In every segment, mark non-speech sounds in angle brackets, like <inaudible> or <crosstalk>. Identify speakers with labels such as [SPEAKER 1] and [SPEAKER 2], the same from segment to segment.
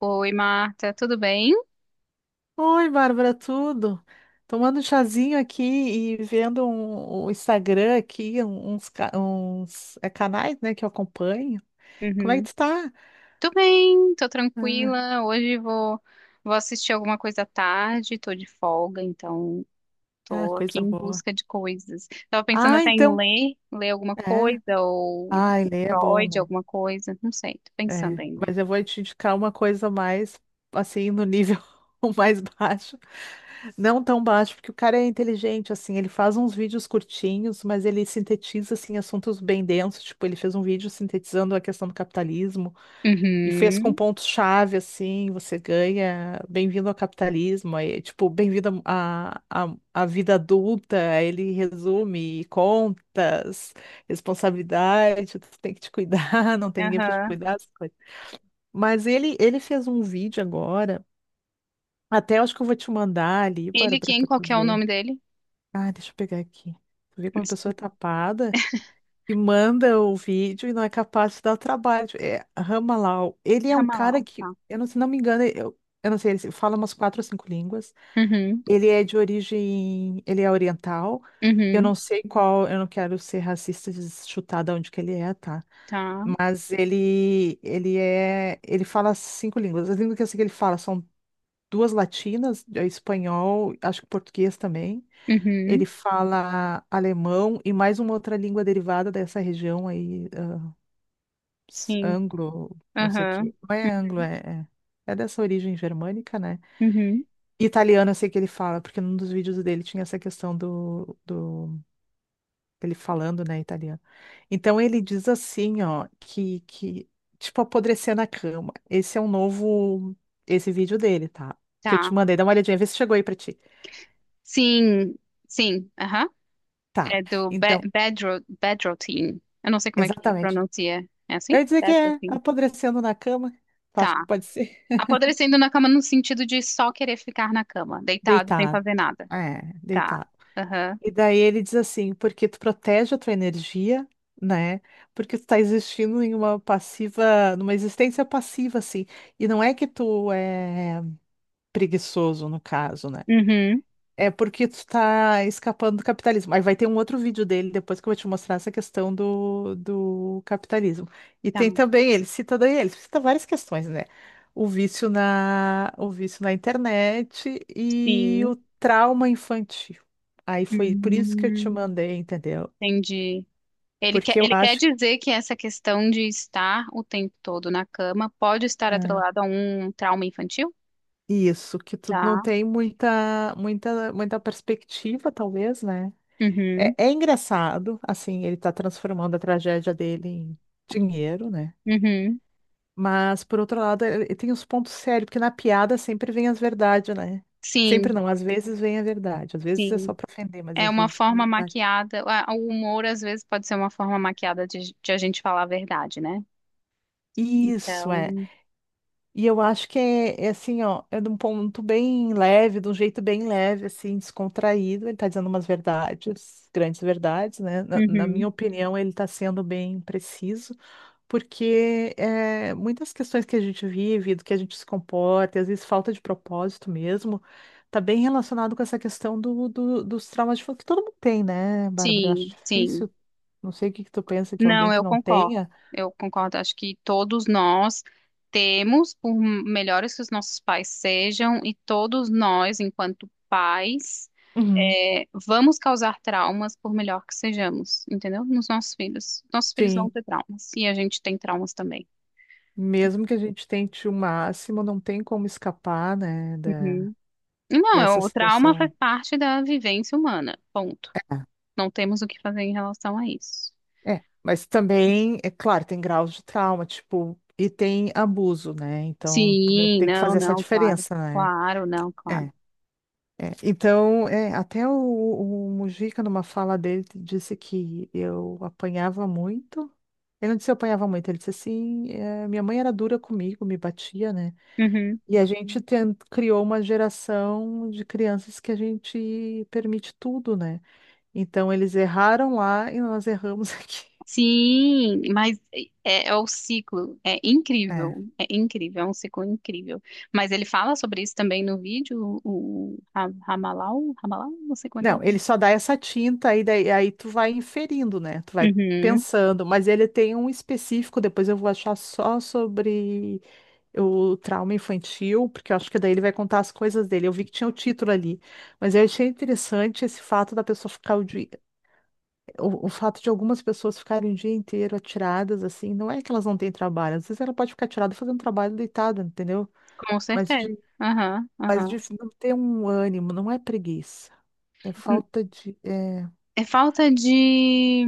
[SPEAKER 1] Oi, Marta, tudo bem?
[SPEAKER 2] Oi, Bárbara, tudo? Tomando um chazinho aqui e vendo o Instagram aqui, um- uns, ca- uns, é, canais, né, que eu acompanho. Como é que
[SPEAKER 1] Uhum.
[SPEAKER 2] tu tá?
[SPEAKER 1] Tô bem, tô
[SPEAKER 2] Ah,
[SPEAKER 1] tranquila. Hoje vou assistir alguma coisa à tarde, tô de folga, então
[SPEAKER 2] ah,
[SPEAKER 1] tô aqui
[SPEAKER 2] coisa
[SPEAKER 1] em
[SPEAKER 2] boa.
[SPEAKER 1] busca de coisas. Tava pensando
[SPEAKER 2] Ah,
[SPEAKER 1] até em
[SPEAKER 2] então,
[SPEAKER 1] ler alguma
[SPEAKER 2] é.
[SPEAKER 1] coisa, ou um
[SPEAKER 2] Ai, ler é bom,
[SPEAKER 1] Freud,
[SPEAKER 2] né?
[SPEAKER 1] alguma coisa, não sei, tô pensando
[SPEAKER 2] É.
[SPEAKER 1] ainda.
[SPEAKER 2] Mas eu vou te indicar uma coisa mais, assim, no nível <laughs> mais baixo. Não tão baixo, porque o cara é inteligente, assim, ele faz uns vídeos curtinhos, mas ele sintetiza, assim, assuntos bem densos. Tipo, ele fez um vídeo sintetizando a questão do capitalismo, e fez com
[SPEAKER 1] Uhum,
[SPEAKER 2] pontos-chave, assim, você ganha bem-vindo ao capitalismo, aí, tipo, bem-vindo à vida adulta, aí ele resume contas, responsabilidade, tu tem que te cuidar, <laughs> não tem ninguém para te
[SPEAKER 1] aham.
[SPEAKER 2] cuidar, essas coisas. Mas ele fez um vídeo agora, até acho que eu vou te mandar ali, para,
[SPEAKER 1] Ele
[SPEAKER 2] para,
[SPEAKER 1] quem?
[SPEAKER 2] para
[SPEAKER 1] Qual
[SPEAKER 2] tu
[SPEAKER 1] que é o
[SPEAKER 2] ver.
[SPEAKER 1] nome dele?
[SPEAKER 2] Ah, deixa eu pegar aqui. Tu vê como a pessoa é tapada? Que manda o vídeo e não é capaz de dar o trabalho. É Ramalau. Ele é um cara
[SPEAKER 1] Ramalau,
[SPEAKER 2] que,
[SPEAKER 1] tá.
[SPEAKER 2] eu não, se não me engano, eu não sei, ele fala umas quatro ou cinco línguas.
[SPEAKER 1] Uhum,
[SPEAKER 2] Ele é de origem, ele é oriental. Eu
[SPEAKER 1] uhum,
[SPEAKER 2] não sei qual, eu não quero ser racista e chutar de onde que ele é, tá?
[SPEAKER 1] tá.
[SPEAKER 2] Mas ele fala cinco línguas. As línguas que eu sei que ele fala são duas latinas, é espanhol, acho que português também. Ele
[SPEAKER 1] Uhum,
[SPEAKER 2] fala alemão e mais uma outra língua derivada dessa região aí,
[SPEAKER 1] sim,
[SPEAKER 2] anglo, não sei o
[SPEAKER 1] aham.
[SPEAKER 2] quê. Não é anglo, é é dessa origem germânica, né?
[SPEAKER 1] Uhum.
[SPEAKER 2] Italiano, eu sei que ele fala, porque num dos vídeos dele tinha essa questão do ele falando, né, italiano. Então ele diz assim, ó, que tipo apodrecer na cama. Esse é um novo, esse vídeo dele, tá? Que eu
[SPEAKER 1] Tá.
[SPEAKER 2] te mandei, dá uma olhadinha, vê se chegou aí pra ti.
[SPEAKER 1] Sim, sim, aham.
[SPEAKER 2] Tá.
[SPEAKER 1] É do Be
[SPEAKER 2] Então,
[SPEAKER 1] Bedro Bedrotin. Eu não sei como é que
[SPEAKER 2] exatamente.
[SPEAKER 1] pronuncia. É assim?
[SPEAKER 2] Eu ia dizer que é
[SPEAKER 1] Bedrotin.
[SPEAKER 2] apodrecendo na cama. Tu acha que
[SPEAKER 1] Tá.
[SPEAKER 2] pode ser?
[SPEAKER 1] Apodrecendo na cama no sentido de só querer ficar na cama, deitado, sem
[SPEAKER 2] Deitado.
[SPEAKER 1] fazer nada.
[SPEAKER 2] É,
[SPEAKER 1] Tá.
[SPEAKER 2] deitado.
[SPEAKER 1] Aham.
[SPEAKER 2] E daí ele diz assim, porque tu protege a tua energia, né? Porque tu tá existindo em uma passiva, numa existência passiva, assim. E não é que tu é preguiçoso, no caso, né?
[SPEAKER 1] Uhum.
[SPEAKER 2] É porque tu tá escapando do capitalismo. Aí vai ter um outro vídeo dele depois que eu vou te mostrar essa questão do capitalismo. E
[SPEAKER 1] Tá.
[SPEAKER 2] tem também, ele cita daí, ele cita várias questões, né? O vício na internet e
[SPEAKER 1] Sim.
[SPEAKER 2] o trauma infantil. Aí foi por isso que eu te
[SPEAKER 1] Hum,
[SPEAKER 2] mandei, entendeu?
[SPEAKER 1] Entendi. Ele quer,
[SPEAKER 2] Porque eu
[SPEAKER 1] ele quer
[SPEAKER 2] acho
[SPEAKER 1] dizer que essa questão de estar o tempo todo na cama pode estar
[SPEAKER 2] ah,
[SPEAKER 1] atrelada a um trauma infantil?
[SPEAKER 2] isso, que tu não
[SPEAKER 1] Tá.
[SPEAKER 2] tem muita, muita, muita perspectiva, talvez, né?
[SPEAKER 1] Uhum.
[SPEAKER 2] É engraçado, assim, ele tá transformando a tragédia dele em dinheiro, né?
[SPEAKER 1] Uhum.
[SPEAKER 2] Mas, por outro lado, ele tem os pontos sérios, porque na piada sempre vem as verdades, né? Sempre
[SPEAKER 1] Sim.
[SPEAKER 2] não, às vezes vem a verdade, às vezes é só
[SPEAKER 1] Sim.
[SPEAKER 2] pra ofender, mas
[SPEAKER 1] É
[SPEAKER 2] às
[SPEAKER 1] uma
[SPEAKER 2] vezes vem
[SPEAKER 1] forma
[SPEAKER 2] a verdade.
[SPEAKER 1] maquiada. O humor, às vezes, pode ser uma forma maquiada de a gente falar a verdade, né?
[SPEAKER 2] Isso
[SPEAKER 1] Então.
[SPEAKER 2] é. E eu acho que é assim, ó, é de um ponto bem leve, de um jeito bem leve, assim, descontraído. Ele tá dizendo umas verdades, grandes verdades, né? Na minha
[SPEAKER 1] Uhum.
[SPEAKER 2] opinião, ele tá sendo bem preciso. Porque muitas questões que a gente vive, do que a gente se comporta, e às vezes falta de propósito mesmo, tá bem relacionado com essa questão dos traumas de infância, que todo mundo tem, né, Bárbara? Eu acho
[SPEAKER 1] Sim, sim.
[SPEAKER 2] difícil, não sei o que que tu pensa que alguém
[SPEAKER 1] Não,
[SPEAKER 2] que
[SPEAKER 1] eu
[SPEAKER 2] não
[SPEAKER 1] concordo.
[SPEAKER 2] tenha,
[SPEAKER 1] Eu concordo. Acho que todos nós temos, por melhores que os nossos pais sejam, e todos nós, enquanto pais,
[SPEAKER 2] Uhum.
[SPEAKER 1] vamos causar traumas, por melhor que sejamos, entendeu? Nos nossos filhos. Nossos filhos vão
[SPEAKER 2] Sim,
[SPEAKER 1] ter traumas. E a gente tem traumas também.
[SPEAKER 2] mesmo que a gente tente o máximo, não tem como escapar, né,
[SPEAKER 1] Uhum. Não,
[SPEAKER 2] dessa
[SPEAKER 1] o trauma
[SPEAKER 2] situação.
[SPEAKER 1] faz parte da vivência humana. Ponto. Não temos o que fazer em relação a isso.
[SPEAKER 2] É, mas também, é claro, tem graus de trauma, tipo, e tem abuso, né? Então, tu
[SPEAKER 1] Sim,
[SPEAKER 2] tem que
[SPEAKER 1] não,
[SPEAKER 2] fazer essa
[SPEAKER 1] não, claro.
[SPEAKER 2] diferença, né?
[SPEAKER 1] Claro, não, claro.
[SPEAKER 2] É. É, então, até o Mujica, numa fala dele, disse que eu apanhava muito. Ele não disse eu apanhava muito, ele disse assim, minha mãe era dura comigo, me batia, né?
[SPEAKER 1] Uhum.
[SPEAKER 2] E a gente criou uma geração de crianças que a gente permite tudo, né? Então, eles erraram lá e nós erramos <laughs> aqui.
[SPEAKER 1] Sim, mas é o ciclo. É
[SPEAKER 2] É.
[SPEAKER 1] incrível. É incrível, é um ciclo incrível. Mas ele fala sobre isso também no vídeo, o Ramalau, Ramalau, não sei como é que é o
[SPEAKER 2] Não, ele
[SPEAKER 1] nome.
[SPEAKER 2] só dá essa tinta aí, daí, aí tu vai inferindo, né? Tu vai
[SPEAKER 1] Uhum,
[SPEAKER 2] pensando, mas ele tem um específico, depois eu vou achar só sobre o trauma infantil, porque eu acho que daí ele vai contar as coisas dele. Eu vi que tinha o título ali, mas eu achei interessante esse fato da pessoa ficar o dia, o fato de algumas pessoas ficarem o dia inteiro atiradas, assim, não é que elas não têm trabalho, às vezes ela pode ficar atirada fazendo trabalho deitada, entendeu?
[SPEAKER 1] com
[SPEAKER 2] Mas
[SPEAKER 1] certeza.
[SPEAKER 2] de,
[SPEAKER 1] Aham,
[SPEAKER 2] mas
[SPEAKER 1] aham.
[SPEAKER 2] de não ter um ânimo, não é preguiça, é falta de
[SPEAKER 1] É falta de.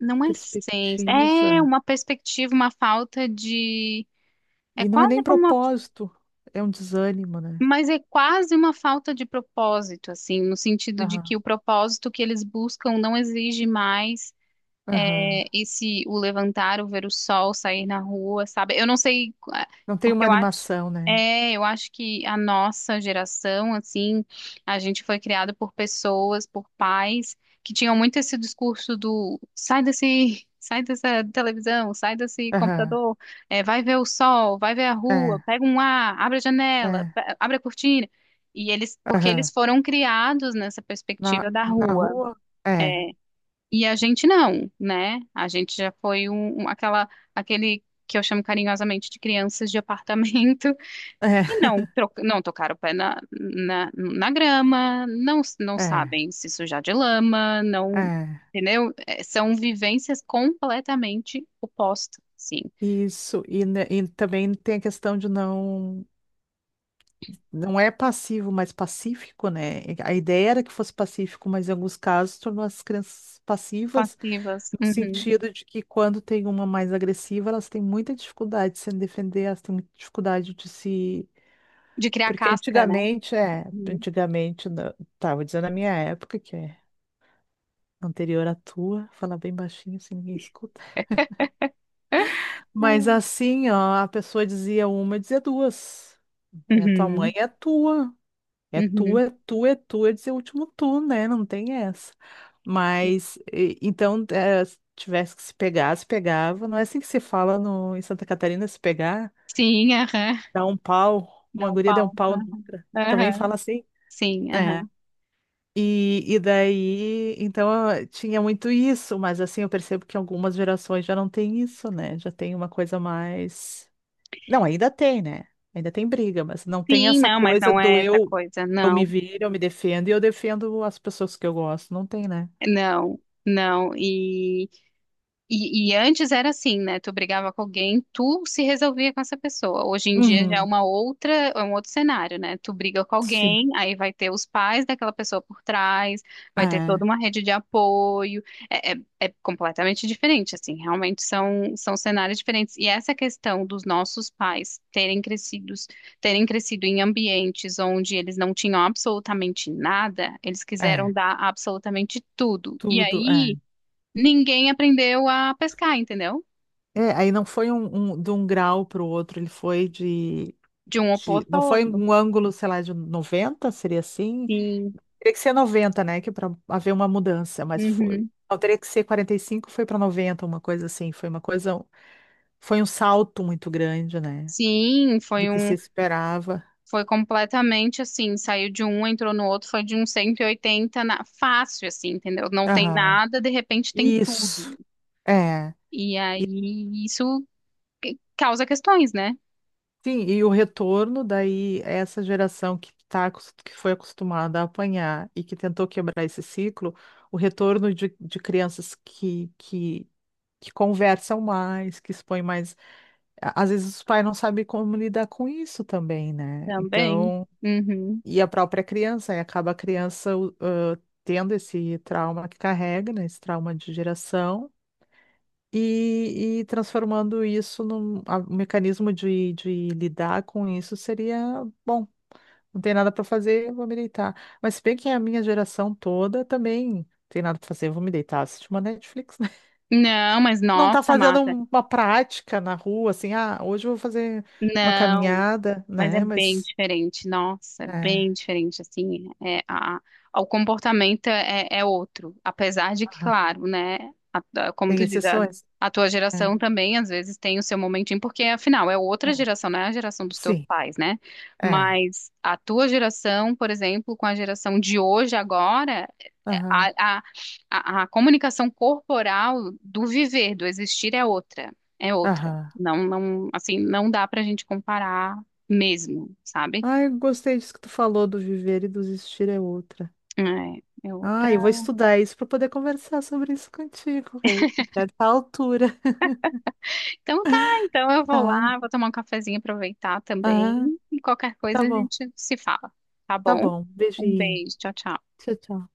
[SPEAKER 1] Não é senso. É
[SPEAKER 2] perspectiva,
[SPEAKER 1] uma perspectiva, uma falta de. É
[SPEAKER 2] e não é
[SPEAKER 1] quase
[SPEAKER 2] nem
[SPEAKER 1] como uma.
[SPEAKER 2] propósito, é um desânimo, né?
[SPEAKER 1] Mas é quase uma falta de propósito, assim, no sentido de que
[SPEAKER 2] Aham,
[SPEAKER 1] o propósito que eles buscam não exige mais.
[SPEAKER 2] aham.
[SPEAKER 1] Esse o levantar, o ver o sol, sair na rua, sabe? Eu não sei,
[SPEAKER 2] Não tem
[SPEAKER 1] porque
[SPEAKER 2] uma
[SPEAKER 1] eu acho,
[SPEAKER 2] animação, né?
[SPEAKER 1] é, eu acho que a nossa geração, assim, a gente foi criado por pessoas, por pais que tinham muito esse discurso do sai desse, sai dessa televisão, sai desse
[SPEAKER 2] Aham,
[SPEAKER 1] computador, vai ver o sol, vai ver a rua,
[SPEAKER 2] é.
[SPEAKER 1] pega um ar, abre a janela,
[SPEAKER 2] É.
[SPEAKER 1] abre a cortina. E eles, porque
[SPEAKER 2] Aham.
[SPEAKER 1] eles foram criados nessa
[SPEAKER 2] Na,
[SPEAKER 1] perspectiva da
[SPEAKER 2] na
[SPEAKER 1] rua.
[SPEAKER 2] rua? É,
[SPEAKER 1] E a gente não, né? A gente já foi aquele que eu chamo carinhosamente de crianças de apartamento
[SPEAKER 2] é,
[SPEAKER 1] <laughs> e não, não tocaram o pé na, grama, não, não
[SPEAKER 2] <laughs>
[SPEAKER 1] sabem se sujar de lama,
[SPEAKER 2] é,
[SPEAKER 1] não,
[SPEAKER 2] é.
[SPEAKER 1] entendeu? São vivências completamente opostas, sim,
[SPEAKER 2] Isso. E também tem a questão de não. Não é passivo, mas pacífico, né? A ideia era que fosse pacífico, mas em alguns casos tornou as crianças passivas,
[SPEAKER 1] passivas,
[SPEAKER 2] no
[SPEAKER 1] uhum.
[SPEAKER 2] sentido de que quando tem uma mais agressiva, elas têm muita dificuldade de se defender, elas têm muita dificuldade de se.
[SPEAKER 1] De criar
[SPEAKER 2] Porque
[SPEAKER 1] casca, né?
[SPEAKER 2] antigamente,
[SPEAKER 1] Uhum.
[SPEAKER 2] antigamente, tá, vou dizer na minha época, que é anterior à tua, falar bem baixinho, assim ninguém escuta. Mas
[SPEAKER 1] É.
[SPEAKER 2] assim, ó, a pessoa dizia uma, eu dizia duas. É, tua mãe
[SPEAKER 1] Uhum.
[SPEAKER 2] é tua. É
[SPEAKER 1] Uhum.
[SPEAKER 2] tua, é tua, é tua. Eu dizia o último tu, né? Não tem essa. Mas, então, se tivesse que se pegar, se pegava. Não é assim que se fala em Santa Catarina, se pegar,
[SPEAKER 1] Sim, aham.
[SPEAKER 2] dá um pau. Uma
[SPEAKER 1] Dá um
[SPEAKER 2] guria deu um
[SPEAKER 1] pau.
[SPEAKER 2] pau na outra. Também
[SPEAKER 1] Aham.
[SPEAKER 2] fala assim.
[SPEAKER 1] Sim,
[SPEAKER 2] É.
[SPEAKER 1] aham.
[SPEAKER 2] E daí, então, eu tinha muito isso, mas assim, eu percebo que algumas gerações já não tem isso, né? Já tem uma coisa mais. Não, ainda tem, né? Ainda tem briga, mas não tem
[SPEAKER 1] Sim,
[SPEAKER 2] essa
[SPEAKER 1] não, mas
[SPEAKER 2] coisa
[SPEAKER 1] não
[SPEAKER 2] do
[SPEAKER 1] é essa
[SPEAKER 2] eu
[SPEAKER 1] coisa,
[SPEAKER 2] eu me
[SPEAKER 1] não,
[SPEAKER 2] viro, eu me defendo e eu defendo as pessoas que eu gosto. Não tem, né?
[SPEAKER 1] não, não. E antes era assim, né? Tu brigava com alguém, tu se resolvia com essa pessoa. Hoje em dia já é
[SPEAKER 2] Uhum.
[SPEAKER 1] uma outra, é um outro cenário, né? Tu briga com
[SPEAKER 2] Sim.
[SPEAKER 1] alguém, aí vai ter os pais daquela pessoa por trás, vai ter toda
[SPEAKER 2] É,
[SPEAKER 1] uma rede de apoio. É completamente diferente, assim. Realmente são cenários diferentes. E essa questão dos nossos pais terem crescido em ambientes onde eles não tinham absolutamente nada, eles quiseram
[SPEAKER 2] é.
[SPEAKER 1] dar absolutamente tudo. E
[SPEAKER 2] Tudo,
[SPEAKER 1] aí
[SPEAKER 2] é.
[SPEAKER 1] ninguém aprendeu a pescar, entendeu?
[SPEAKER 2] É, aí não foi de um grau para o outro, ele foi de,
[SPEAKER 1] De um
[SPEAKER 2] de.
[SPEAKER 1] oposto
[SPEAKER 2] Não
[SPEAKER 1] ao
[SPEAKER 2] foi
[SPEAKER 1] outro.
[SPEAKER 2] um ângulo, sei lá, de 90 seria assim?
[SPEAKER 1] Sim.
[SPEAKER 2] Teria que ser 90, né? Que para haver uma mudança, mas foi.
[SPEAKER 1] Uhum.
[SPEAKER 2] Não, teria que ser 45 foi para noventa, uma coisa assim. Foi uma coisa. Foi um salto muito grande, né?
[SPEAKER 1] Sim,
[SPEAKER 2] Do que se esperava.
[SPEAKER 1] foi completamente assim, saiu de um, entrou no outro, foi de um 180 na, fácil assim, entendeu? Não tem
[SPEAKER 2] Aham.
[SPEAKER 1] nada, de repente tem tudo.
[SPEAKER 2] Isso. É.
[SPEAKER 1] E aí isso causa questões, né?
[SPEAKER 2] Sim, e o retorno daí, é essa geração que tá, que foi acostumada a apanhar e que tentou quebrar esse ciclo, o retorno de crianças que conversam mais, que expõem mais. Às vezes os pais não sabem como lidar com isso também, né?
[SPEAKER 1] Também.
[SPEAKER 2] Então,
[SPEAKER 1] Uhum.
[SPEAKER 2] e a própria criança, aí acaba a criança tendo esse trauma que carrega, né? Esse trauma de geração. E transformando isso um mecanismo de lidar com isso seria bom. Não tem nada para fazer, vou me deitar. Mas se bem que a minha geração toda também não tem nada para fazer, vou me deitar, assistir uma Netflix, né? <laughs>
[SPEAKER 1] Não, mas
[SPEAKER 2] Não tá
[SPEAKER 1] nossa,
[SPEAKER 2] fazendo
[SPEAKER 1] Mata.
[SPEAKER 2] uma prática na rua, assim, ah, hoje eu vou fazer uma
[SPEAKER 1] Não.
[SPEAKER 2] caminhada,
[SPEAKER 1] Mas é
[SPEAKER 2] né?
[SPEAKER 1] bem
[SPEAKER 2] Mas
[SPEAKER 1] diferente, nossa, é
[SPEAKER 2] é,
[SPEAKER 1] bem diferente, assim, o comportamento é outro, apesar de que,
[SPEAKER 2] aham,
[SPEAKER 1] claro, né, a- como
[SPEAKER 2] tem
[SPEAKER 1] tu diz, a,
[SPEAKER 2] exceções.
[SPEAKER 1] a tua
[SPEAKER 2] É,
[SPEAKER 1] geração também, às vezes, tem o seu momentinho, porque, afinal, é outra
[SPEAKER 2] é,
[SPEAKER 1] geração, não é a geração dos teus
[SPEAKER 2] sim,
[SPEAKER 1] pais, né,
[SPEAKER 2] é.
[SPEAKER 1] mas a tua geração, por exemplo, com a geração de hoje, agora,
[SPEAKER 2] Aham,
[SPEAKER 1] a, a, a comunicação corporal do viver, do existir é outra, é outra.
[SPEAKER 2] aham.
[SPEAKER 1] Não, não, assim, não dá pra gente comparar mesmo, sabe?
[SPEAKER 2] Ai, gostei disso que tu falou do viver e do existir é outra.
[SPEAKER 1] É, é
[SPEAKER 2] Ah,
[SPEAKER 1] outra.
[SPEAKER 2] eu vou estudar isso para poder conversar sobre isso contigo, rei. Até essa altura.
[SPEAKER 1] Então tá, então eu vou
[SPEAKER 2] Tá.
[SPEAKER 1] lá, vou tomar um cafezinho, aproveitar
[SPEAKER 2] Ah,
[SPEAKER 1] também. E qualquer
[SPEAKER 2] tá
[SPEAKER 1] coisa a
[SPEAKER 2] bom.
[SPEAKER 1] gente se fala, tá
[SPEAKER 2] Tá
[SPEAKER 1] bom?
[SPEAKER 2] bom.
[SPEAKER 1] Um
[SPEAKER 2] Beijinho.
[SPEAKER 1] beijo, tchau, tchau.
[SPEAKER 2] Tchau, tchau.